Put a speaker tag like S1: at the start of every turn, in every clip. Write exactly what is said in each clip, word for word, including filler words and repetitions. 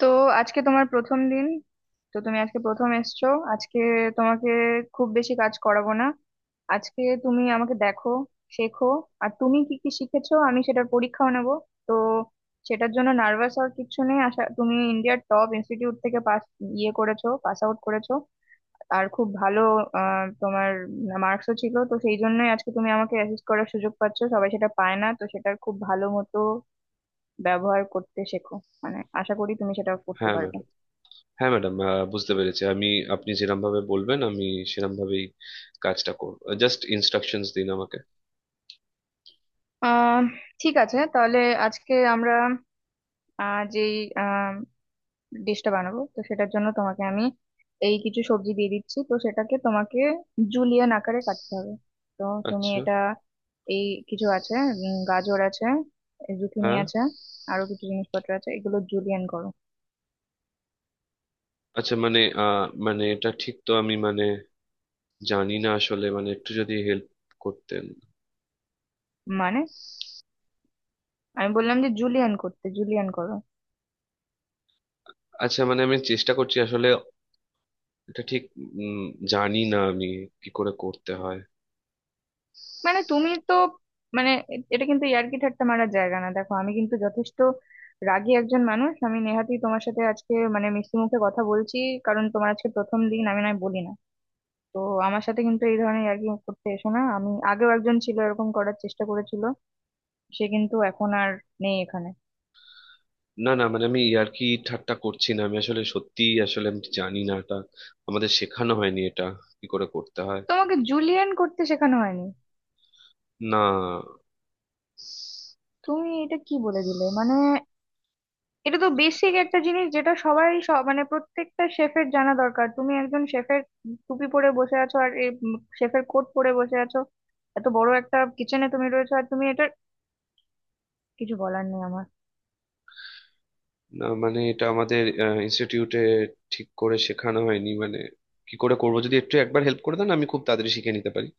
S1: তো আজকে তোমার প্রথম দিন। তো তুমি আজকে প্রথম এসছো। আজকে তোমাকে খুব বেশি কাজ করাবো না। আজকে তুমি আমাকে দেখো, শেখো, আর তুমি কি কি শিখেছো আমি সেটার পরীক্ষাও নেব। তো সেটার জন্য নার্ভাস হওয়ার কিছু নেই। আশা তুমি ইন্ডিয়ার টপ ইনস্টিটিউট থেকে পাস ইয়ে করেছো, পাস আউট করেছো, আর খুব ভালো আহ, তোমার মার্কসও ছিল, তো সেই জন্যই আজকে তুমি আমাকে অ্যাসিস্ট করার সুযোগ পাচ্ছো। সবাই সেটা পায় না, তো সেটার খুব ভালো মতো ব্যবহার করতে শেখো। মানে আশা করি তুমি সেটা করতে
S2: হ্যাঁ
S1: পারবে।
S2: ম্যাডাম, হ্যাঁ ম্যাডাম, বুঝতে পেরেছি আমি। আপনি যেরকম ভাবে বলবেন আমি সেরকম ভাবেই কাজটা করব। জাস্ট ইনস্ট্রাকশনস দিন আমাকে।
S1: আহ ঠিক আছে, তাহলে আজকে আমরা আহ যেই ডিশটা বানাবো, তো সেটার জন্য তোমাকে আমি এই কিছু সবজি দিয়ে দিচ্ছি, তো সেটাকে তোমাকে জুলিয়ান আকারে কাটতে হবে। তো তুমি
S2: আচ্ছা।
S1: এটা এই কিছু আছে, উম, গাজর আছে, জুকিনি
S2: হ্যাঁ।
S1: আছে, আরো কিছু জিনিসপত্র আছে, এগুলো জুলিয়ান করো।
S2: আচ্ছা, মানে আহ, মানে এটা ঠিক তো, আমি মানে জানি না আসলে, মানে একটু যদি হেল্প করতেন।
S1: মানে আমি বললাম যে জুলিয়ান করতে, জুলিয়ান করো।
S2: আচ্ছা, মানে আমি চেষ্টা করছি আসলে, এটা ঠিক উম, জানি না আমি কি করে করতে হয়।
S1: মানে তুমি তো মানে এ- এটা কিন্তু ইয়ার্কি ঠাট্টা মারার জায়গা না। দেখো আমি কিন্তু যথেষ্ট রাগী একজন মানুষ। আমি নেহাতি তোমার সাথে আজকে মানে মিষ্টি মুখে কথা বলছি, কারণ তোমার আজকে প্রথম দিন, আমি নয় বলি না। তো আমার সাথে কিন্তু এই ধরনের ইয়ার্কি করতে এসো না। আমি আগেও একজন ছিল এরকম করার চেষ্টা করেছিল, সে কিন্তু এখন আর নেই এখানে।
S2: না না, মানে আমি ইয়ার্কি ঠাট্টা করছি না। আমি আসলে সত্যি, আসলে আমি জানি না, এটা আমাদের শেখানো হয়নি, এটা কি করে করতে হয়।
S1: তোমাকে জুলিয়ান করতে শেখানো হয়নি?
S2: না
S1: তুমি এটা কি বলে দিলে মানে। এটা তো বেসিক একটা জিনিস যেটা সবাই সব- মানে প্রত্যেকটা শেফের জানা দরকার। তুমি একজন শেফের টুপি পরে বসে আছো, আর শেফের কোট পরে বসে আছো, এত বড় একটা কিচেনে তুমি রয়েছো, আর তুমি এটা কিছু বলার নেই আমার।
S2: না, মানে এটা আমাদের ইনস্টিটিউটে ঠিক করে শেখানো হয়নি, মানে কি করে করবো? যদি একটু একবার হেল্প করে দেন আমি খুব তাড়াতাড়ি শিখে নিতে পারি।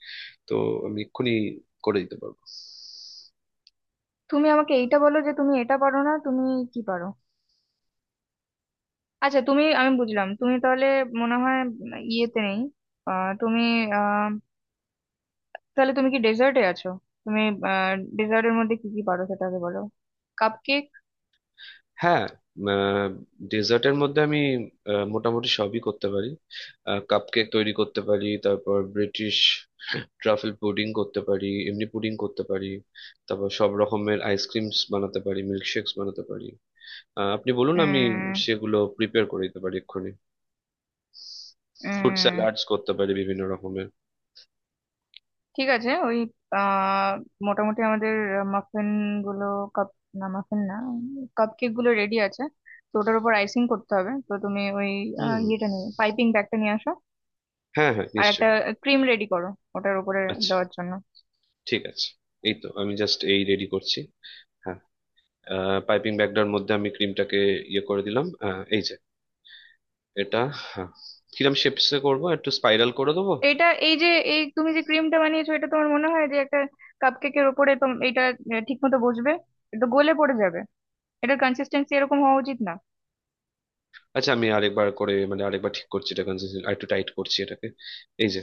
S2: তো আমি এক্ষুনি করে দিতে পারবো।
S1: তুমি আমাকে এইটা বলো যে তুমি এটা পারো না, তুমি কি পারো? আচ্ছা তুমি আমি বুঝলাম তুমি তাহলে মনে হয় উম, ইয়েতে নেই। আহ, তুমি আহ তাহলে তুমি কি ডেজার্টে আছো? তুমি ডেজার্টের মধ্যে কি কি পারো সেটাকে বলো। Cup cake?
S2: হ্যাঁ। ডেজার্টের মধ্যে আমি আহ, মোটামুটি সবই করতে পারি। কাপকেক তৈরি করতে পারি, তারপর ব্রিটিশ ট্রাফেল পুডিং করতে পারি, এমনি পুডিং করতে পারি। তারপর সব রকমের আইসক্রিমস বানাতে পারি, মিল্কশেকস বানাতে পারি। আহ, আপনি বলুন, আমি সেগুলো প্রিপেয়ার করে দিতে পারি এক্ষুনি। ফ্রুট
S1: উম
S2: স্যালাডস করতে পারি বিভিন্ন রকমের।
S1: ঠিক আছে, ওই আহ মোটামুটি আমাদের মাফিন গুলো কাপ না, মাফিন না, কাপ কেক গুলো রেডি আছে, তো ওটার উপর আইসিং করতে হবে। তো তুমি ওই আহ,
S2: হুম।
S1: ইয়েটা নিয়ে, পাইপিং ব্যাগটা নিয়ে আসো,
S2: হ্যাঁ হ্যাঁ,
S1: আর একটা
S2: নিশ্চয়ই।
S1: ক্রিম রেডি করো ওটার উপরে
S2: আচ্ছা।
S1: দেওয়ার জন্য।
S2: ঠিক আছে, এই তো আমি জাস্ট এই রেডি করছি। হ্যাঁ, পাইপিং ব্যাগটার মধ্যে আমি ক্রিমটাকে ইয়ে করে দিলাম। হ্যাঁ, এই যে এটা। হ্যাঁ, কিরম শেপসে করবো? একটু স্পাইরাল করে দেবো?
S1: এটা এই যে, এই তুমি যে ক্রিমটা বানিয়েছো, এটা তোমার মনে হয় যে একটা কাপ কেকের উপরে তোম- এটা ঠিক মতো বসবে? এটা তো গলে পড়ে যাবে। এটার কনসিস্টেন্সি এরকম হওয়া উচিত না।
S2: আচ্ছা, আমি আরেকবার করে, মানে আরেকবার ঠিক করছি, এটা কনসিস্টেন্ট আর একটু টাইট করছি এটাকে। এই যে।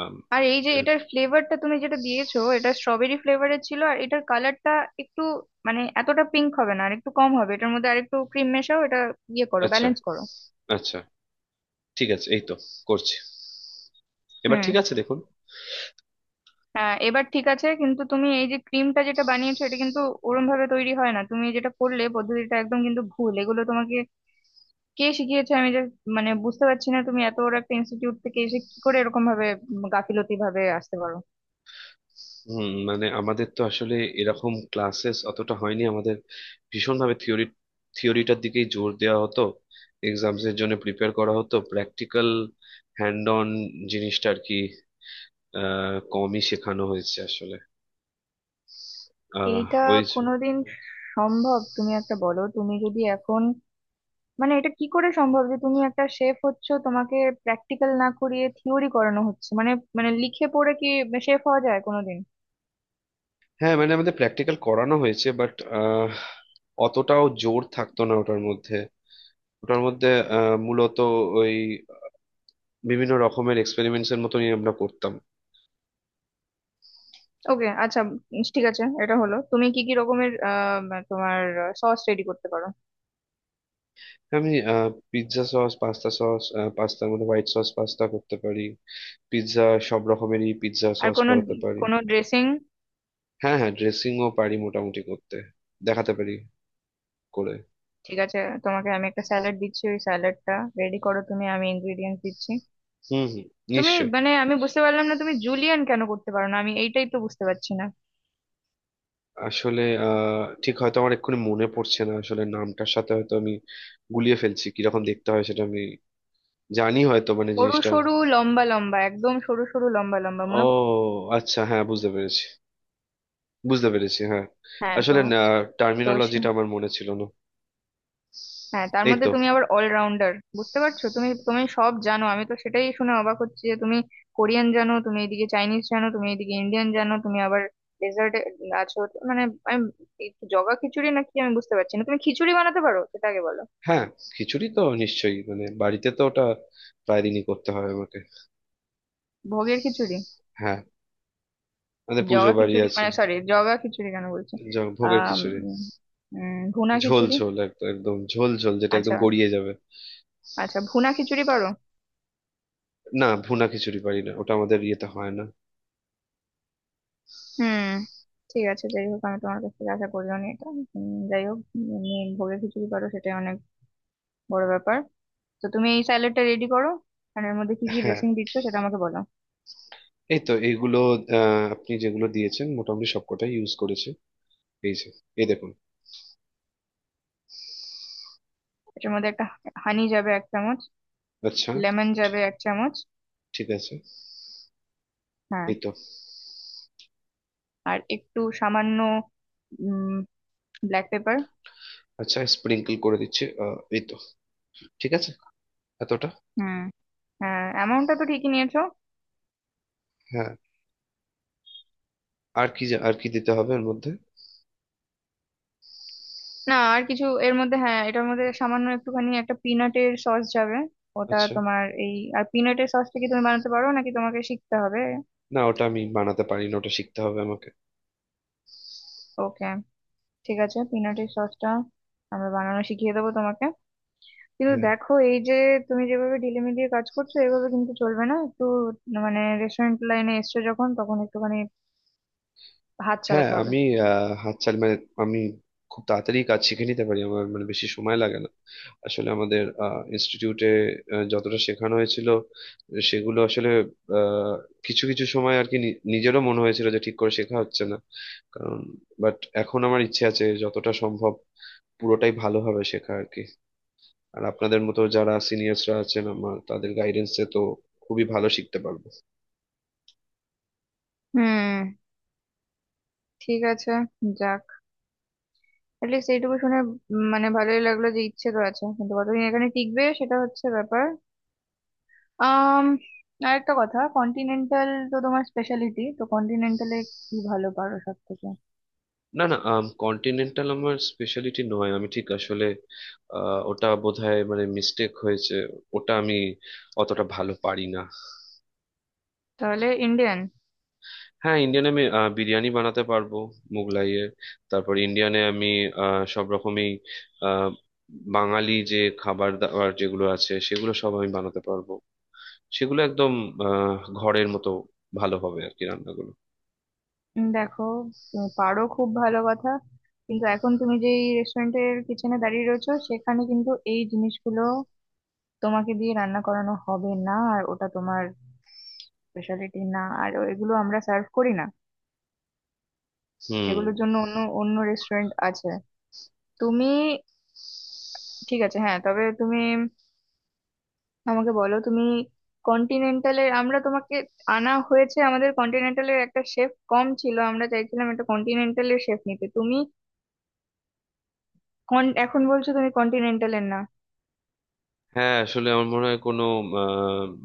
S2: আম,
S1: আর এই যে
S2: এরকম।
S1: এটার ফ্লেভারটা তুমি যেটা দিয়েছো, এটা স্ট্রবেরি ফ্লেভারের ছিল, আর এটার কালারটা একটু মানে এতটা পিঙ্ক হবে না, আর একটু কম হবে। এটার মধ্যে আরেকটু ক্রিম মেশাও, এটা ইয়ে করো,
S2: আচ্ছা।
S1: ব্যালেন্স করো।
S2: আচ্ছা, ঠিক আছে, এই তো করছি। এবার
S1: হুম,
S2: ঠিক আছে, দেখুন।
S1: হ্যাঁ এবার ঠিক আছে, কিন্তু তুমি এই যে ক্রিমটা যেটা বানিয়েছো, এটা কিন্তু ওরম ভাবে তৈরি হয় না। তুমি যেটা করলে পদ্ধতিটা একদম কিন্তু ভুল। এগুলো তোমাকে কে শিখিয়েছে? আমি যে মানে বুঝতে পারছি না তুমি এত বড় একটা ইনস্টিটিউট থেকে এসে কি করে এরকম ভাবে উম, গাফিলতি ভাবে আসতে পারো।
S2: হুম, মানে আমাদের তো আসলে এরকম ক্লাসেস অতটা হয়নি। আমাদের ভীষণভাবে থিওরি থিওরিটার দিকেই জোর দেওয়া হতো। এক্সামস এর জন্য প্রিপেয়ার করা হতো। প্র্যাকটিক্যাল, হ্যান্ড অন জিনিসটা আর কি আহ, কমই শেখানো হয়েছে আসলে। আহ
S1: এইটা
S2: ওই যে-
S1: কোনোদিন সম্ভব? তুমি একটা বলো তুমি যদি এখন মানে এটা কি করে সম্ভব যে তুমি একটা শেফ হচ্ছ, তোমাকে প্র্যাকটিক্যাল না করিয়ে থিওরি করানো হচ্ছে মানে। মানে লিখে পড়ে কি শেফ হওয়া যায় কোনোদিন?
S2: হ্যাঁ, মানে আমাদের প্র্যাকটিক্যাল করানো হয়েছে বাট অতটাও জোর থাকতো না ওটার মধ্যে। ওটার মধ্যে আহ, মূলত ওই বিভিন্ন রকমের এক্সপেরিমেন্টস এর মতনই আমরা করতাম।
S1: ওকে আচ্ছা, উম, ঠিক আছে, এটা হলো। তুমি কি কি রকমের আহ, মা- তোমার সস রেডি করতে পারো?
S2: আমি পিৎজা সস, পাস্তা সস, পাস্তার মধ্যে হোয়াইট সস পাস্তা করতে পারি, পিৎজা সব রকমেরই পিৎজা
S1: আর
S2: সস
S1: কোনো
S2: বানাতে পারি।
S1: কোনো ড্রেসিং?
S2: হ্যাঁ হ্যাঁ, ড্রেসিংও পারি মোটামুটি করতে, দেখাতে পারি করে।
S1: ঠিক আছে, তোমাকে আমি একটা স্যালাড দিচ্ছি, ওই স্যালাডটা রেডি করো তুমি, আমি ইনগ্রিডিয়েন্টস দিচ্ছি।
S2: হুম হুম,
S1: তুমি
S2: নিশ্চয়ই।
S1: মানে আমি বুঝতে পারলাম না, তুমি জুলিয়ান কেন করতে পারো না, আমি এইটাই তো বুঝতে পারছি না।
S2: আসলে আহ ঠিক হয়তো আমার এক্ষুনি মনে পড়ছে না, আসলে নামটার সাথে হয়তো আমি গুলিয়ে ফেলছি। কিরকম দেখতে হয় সেটা আমি জানি হয়তো, মানে
S1: সরু
S2: জিনিসটা।
S1: সরু লম্বা লম্বা, একদম সরু সরু লম্বা লম্বা, মনে
S2: ও
S1: পড়-
S2: আচ্ছা, হ্যাঁ বুঝতে পেরেছি, বুঝতে পেরেছি হ্যাঁ।
S1: হ্যাঁ তো।
S2: আসলে
S1: তো
S2: টার্মিনোলজিটা
S1: সে-
S2: আমার মনে ছিল না।
S1: হ্যাঁ তার
S2: এই
S1: মধ্যে
S2: তো।
S1: তুমি আবার অলরাউন্ডার, বুঝতে পারছো? তুমি তুমি সব জানো। আমি তো সেটাই শুনে অবাক হচ্ছি যে তুমি কোরিয়ান জানো, তুমি এদিকে চাইনিজ জানো, তুমি এদিকে ইন্ডিয়ান জানো, তুমি আবার ডেজার্টে আছো, তো মানে আমি এই জগা খিচুড়ি নাকি আমি বুঝতে পারছি না। তুমি খিচুড়ি বানাতে পারো সেটা আগে বলো।
S2: হ্যাঁ, খিচুড়ি তো নিশ্চয়ই, মানে বাড়িতে তো ওটা প্রায় দিনই করতে হয় আমাকে।
S1: ভোগের খিচুড়ি?
S2: হ্যাঁ, আমাদের পুজো
S1: জগা
S2: বাড়ি
S1: খিচুড়ি
S2: আছে।
S1: মানে, সরি, জগা খিচুড়ি কেন বলছি।
S2: জ- ভোগের
S1: আহ
S2: খিচুড়ি।
S1: ভুনা
S2: ঝোল
S1: খিচুড়ি।
S2: ঝোল, একদম একদম ঝোল ঝোল, যেটা
S1: আচ্ছা,
S2: একদম গড়িয়ে যাবে।
S1: আচ্ছা ভুনা খিচুড়ি পারো?
S2: না, ভুনা খিচুড়ি পারি না, ওটা আমাদের ইয়েতে হয় না।
S1: হুম, ঠিক আছে, যাই হোক আমি তোমার কাছ থেকে আশা করলাম এটা। উম, যাই হোক, উম, ভোগের খিচুড়ি পারো, সেটাই অনেক বড় ব্যাপার। তো তুমি এই স্যালাডটা রেডি করো, আর এর মধ্যে কি কি
S2: হ্যাঁ,
S1: ড্রেসিং দিচ্ছ সেটা আমাকে বলো।
S2: এই তো এইগুলো। আহ, আপনি যেগুলো দিয়েছেন মোটামুটি সবকটাই ইউজ করেছি। এই যে, এই দেখুন।
S1: এটার মধ্যে একটা হানি যাবে এক চামচ,
S2: আচ্ছা।
S1: লেমন যাবে এক চামচ,
S2: ঠিক আছে,
S1: হ্যাঁ,
S2: এই তো।
S1: আর একটু সামান্য উম ব্ল্যাক পেপার।
S2: আচ্ছা, স্প্রিঙ্কল করে দিচ্ছি আহ, এই তো। ঠিক আছে, এতটা?
S1: হুম, হ্যাঁ অ্যামাউন্টটা তো ঠিকই নিয়েছো।
S2: হ্যাঁ, আর কি যা- আর কি দিতে হবে এর মধ্যে?
S1: না আর কিছু এর মধ্যে, হ্যাঁ এটার মধ্যে সামান্য একটুখানি একটা পিনাটের সস যাবে। ওটা
S2: আচ্ছা।
S1: তোমার এই আর পিনাটের সসটা কি তুমি বানাতে পারো নাকি তোমাকে শিখতে হবে?
S2: না, ওটা আমি বানাতে পারি না, ওটা শিখতে হবে আমাকে।
S1: ওকে, ঠিক আছে, পিনাটের সসটা আমরা বানানো শিখিয়ে দেবো তোমাকে। কিন্তু
S2: হ্যাঁ
S1: দেখো এই যে তুমি যেভাবে ঢিলেমিলিয়ে কাজ করছো, এভাবে কিন্তু চলবে না। একটু মানে রেস্টুরেন্ট লাইনে এসছো যখন, তখন একটুখানি হাত
S2: হ্যাঁ,
S1: চালাতে হবে।
S2: আমি আহ, হাতছাড়া মানে আমি খুব তাড়াতাড়ি কাজ শিখে নিতে পারি, আমার মানে বেশি সময় লাগে না। আসলে আমাদের ইনস্টিটিউটে যতটা শেখানো হয়েছিল সেগুলো আসলে আহ, কিছু কিছু সময় আর কি নি- নিজেরও মনে হয়েছিল যে ঠিক করে শেখা হচ্ছে না কারণ, বাট এখন আমার ইচ্ছে আছে যতটা সম্ভব পুরোটাই ভালোভাবে শেখা আর কি। আর আপনাদের মতো যারা সিনিয়র্সরা আছেন আমার, তাদের গাইডেন্সে তো খুবই ভালো শিখতে পারবো।
S1: হুম, ঠিক আছে, যাক, অ্যাটলিস্ট এইটুকু শুনে উম, মানে ভালোই লাগলো যে ইচ্ছে তো আছে, কিন্তু কতদিন এখানে টিকবে সেটা হচ্ছে ব্যাপার। আম আর একটা কথা, কন্টিনেন্টাল তো তোমার স্পেশালিটি, তো কন্টিনেন্টালে কি ভালো পারো সব থেকে?
S2: না না, কন্টিনেন্টাল আমার স্পেশালিটি নয়। আমি ঠিক আসলে আহ, ওটা বোধহয় মানে মিস্টেক হয়েছে। ওটা আমি অতটা ভালো পারি না।
S1: তাহলে ইন্ডিয়ান?
S2: হ্যাঁ, ইন্ডিয়ানে আমি আহ, বিরিয়ানি বানাতে পারবো, মুগলাইয়ের। তারপর ইন্ডিয়ানে আমি আহ, সব রকমই, আহ, বাঙালি যে খাবার দাবার যেগুলো আছে সেগুলো সব আমি বানাতে পারবো। সেগুলো একদম আহ, ঘরের মতো ভালো হবে আর কি রান্নাগুলো।
S1: উম, দেখো তুমি পারো খুব ভালো কথা, কিন্তু এখন তুমি যেই রেস্টুরেন্টের কিচেনে দাঁড়িয়ে রয়েছো, সেখানে কিন্তু এই জিনিসগুলো তোমাকে দিয়ে রান্না করানো হবে না, আর ওটা তোমার স্পেশালিটি না, আর এগুলো আমরা সার্ভ করি না।
S2: হুম।
S1: সেগুলোর জন্য অন্য অন্য রেস্টুরেন্ট আছে। তুমি ঠিক আছে হ্যাঁ, তবে তুমি আমাকে বলো, তুমি কন্টিনেন্টালের, আমরা তোমাকে আনা হয়েছে, আমাদের কন্টিনেন্টালের একটা শেফ কম ছিল, আমরা চাইছিলাম একটা কন্টিনেন্টালের শেফ নিতে। তুমি কন- এখন বলছো তুমি কন্টিনেন্টালের না?
S2: হ্যাঁ, আসলে আমার মনে হয় কোনো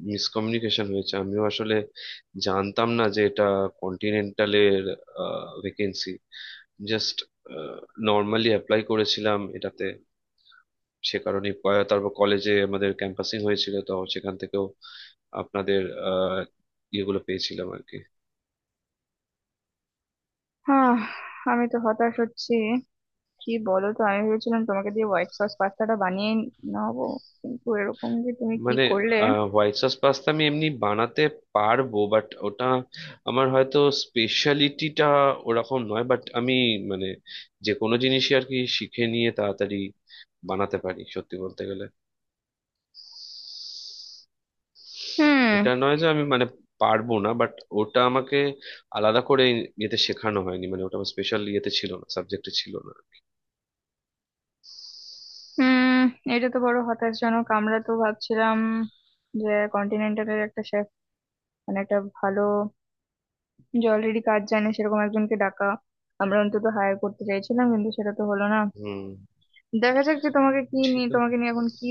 S2: মিসকমিউনিকেশন হয়েছে। আমিও আসলে জানতাম না যে এটা কন্টিনেন্টালের ভেকেন্সি। জাস্ট নর্মালি অ্যাপ্লাই করেছিলাম এটাতে সে কারণে। তারপর কলেজে আমাদের ক্যাম্পাসিং হয়েছিল, তো সেখান থেকেও আপনাদের আহ, ইয়েগুলো পেয়েছিলাম আর কি।
S1: হ্যাঁ, আমি তো হতাশ হচ্ছি, কি বলো তো। আমি ভেবেছিলাম তোমাকে দিয়ে হোয়াইট সস পাস্তাটা বানিয়ে নেবো, কিন্তু এরকম যে তুমি কি
S2: মানে
S1: করলে।
S2: হোয়াইট সস পাস্তা আমি এমনি বানাতে পারবো, বাট ওটা আমার হয়তো স্পেশালিটিটা ওরকম নয়। বাট আমি মানে যে কোনো জিনিসই আর কি শিখে নিয়ে তাড়াতাড়ি বানাতে পারি সত্যি বলতে গেলে।
S1: হুম,
S2: এটা নয় যে আমি মানে পারবো না, বাট ওটা আমাকে আলাদা করে ইয়েতে শেখানো হয়নি, মানে ওটা আমার স্পেশাল ইয়েতে ছিল না, সাবজেক্টে ছিল না।
S1: হুম, এটা তো বড় হতাশজনক। আমরা তো ভাবছিলাম যে কন্টিনেন্টালের একটা শেফ মানে একটা ভালো, যে অলরেডি কাজ জানে সেরকম একজনকে ডাকা, আমরা অন্তত হায়ার করতে চাইছিলাম, কিন্তু সেটা তো হলো না।
S2: হুম।
S1: দেখা যাক যে তোমাকে কি
S2: ঠিক
S1: নিয়ে,
S2: আছে।
S1: তোমাকে নিয়ে এখন কি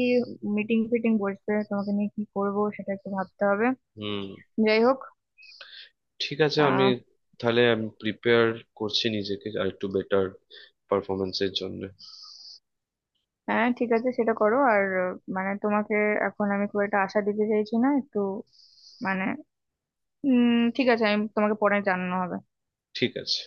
S1: মিটিং ফিটিং বসবে, তোমাকে নিয়ে কি করবো সেটা একটু ভাবতে হবে।
S2: হুম।
S1: যাই হোক,
S2: ঠিক আছে, আমি তাহলে আমি প্রিপেয়ার করছি নিজেকে আর একটু বেটার পারফরমেন্সের জন্য।
S1: হ্যাঁ ঠিক আছে সেটা করো। আর আহ, মানে তোমাকে এখন আমি খুব একটা আশা দিতে চাইছি না একটু মানে উম ঠিক আছে, আমি তোমাকে পরে জানানো হবে।
S2: ঠিক আছে।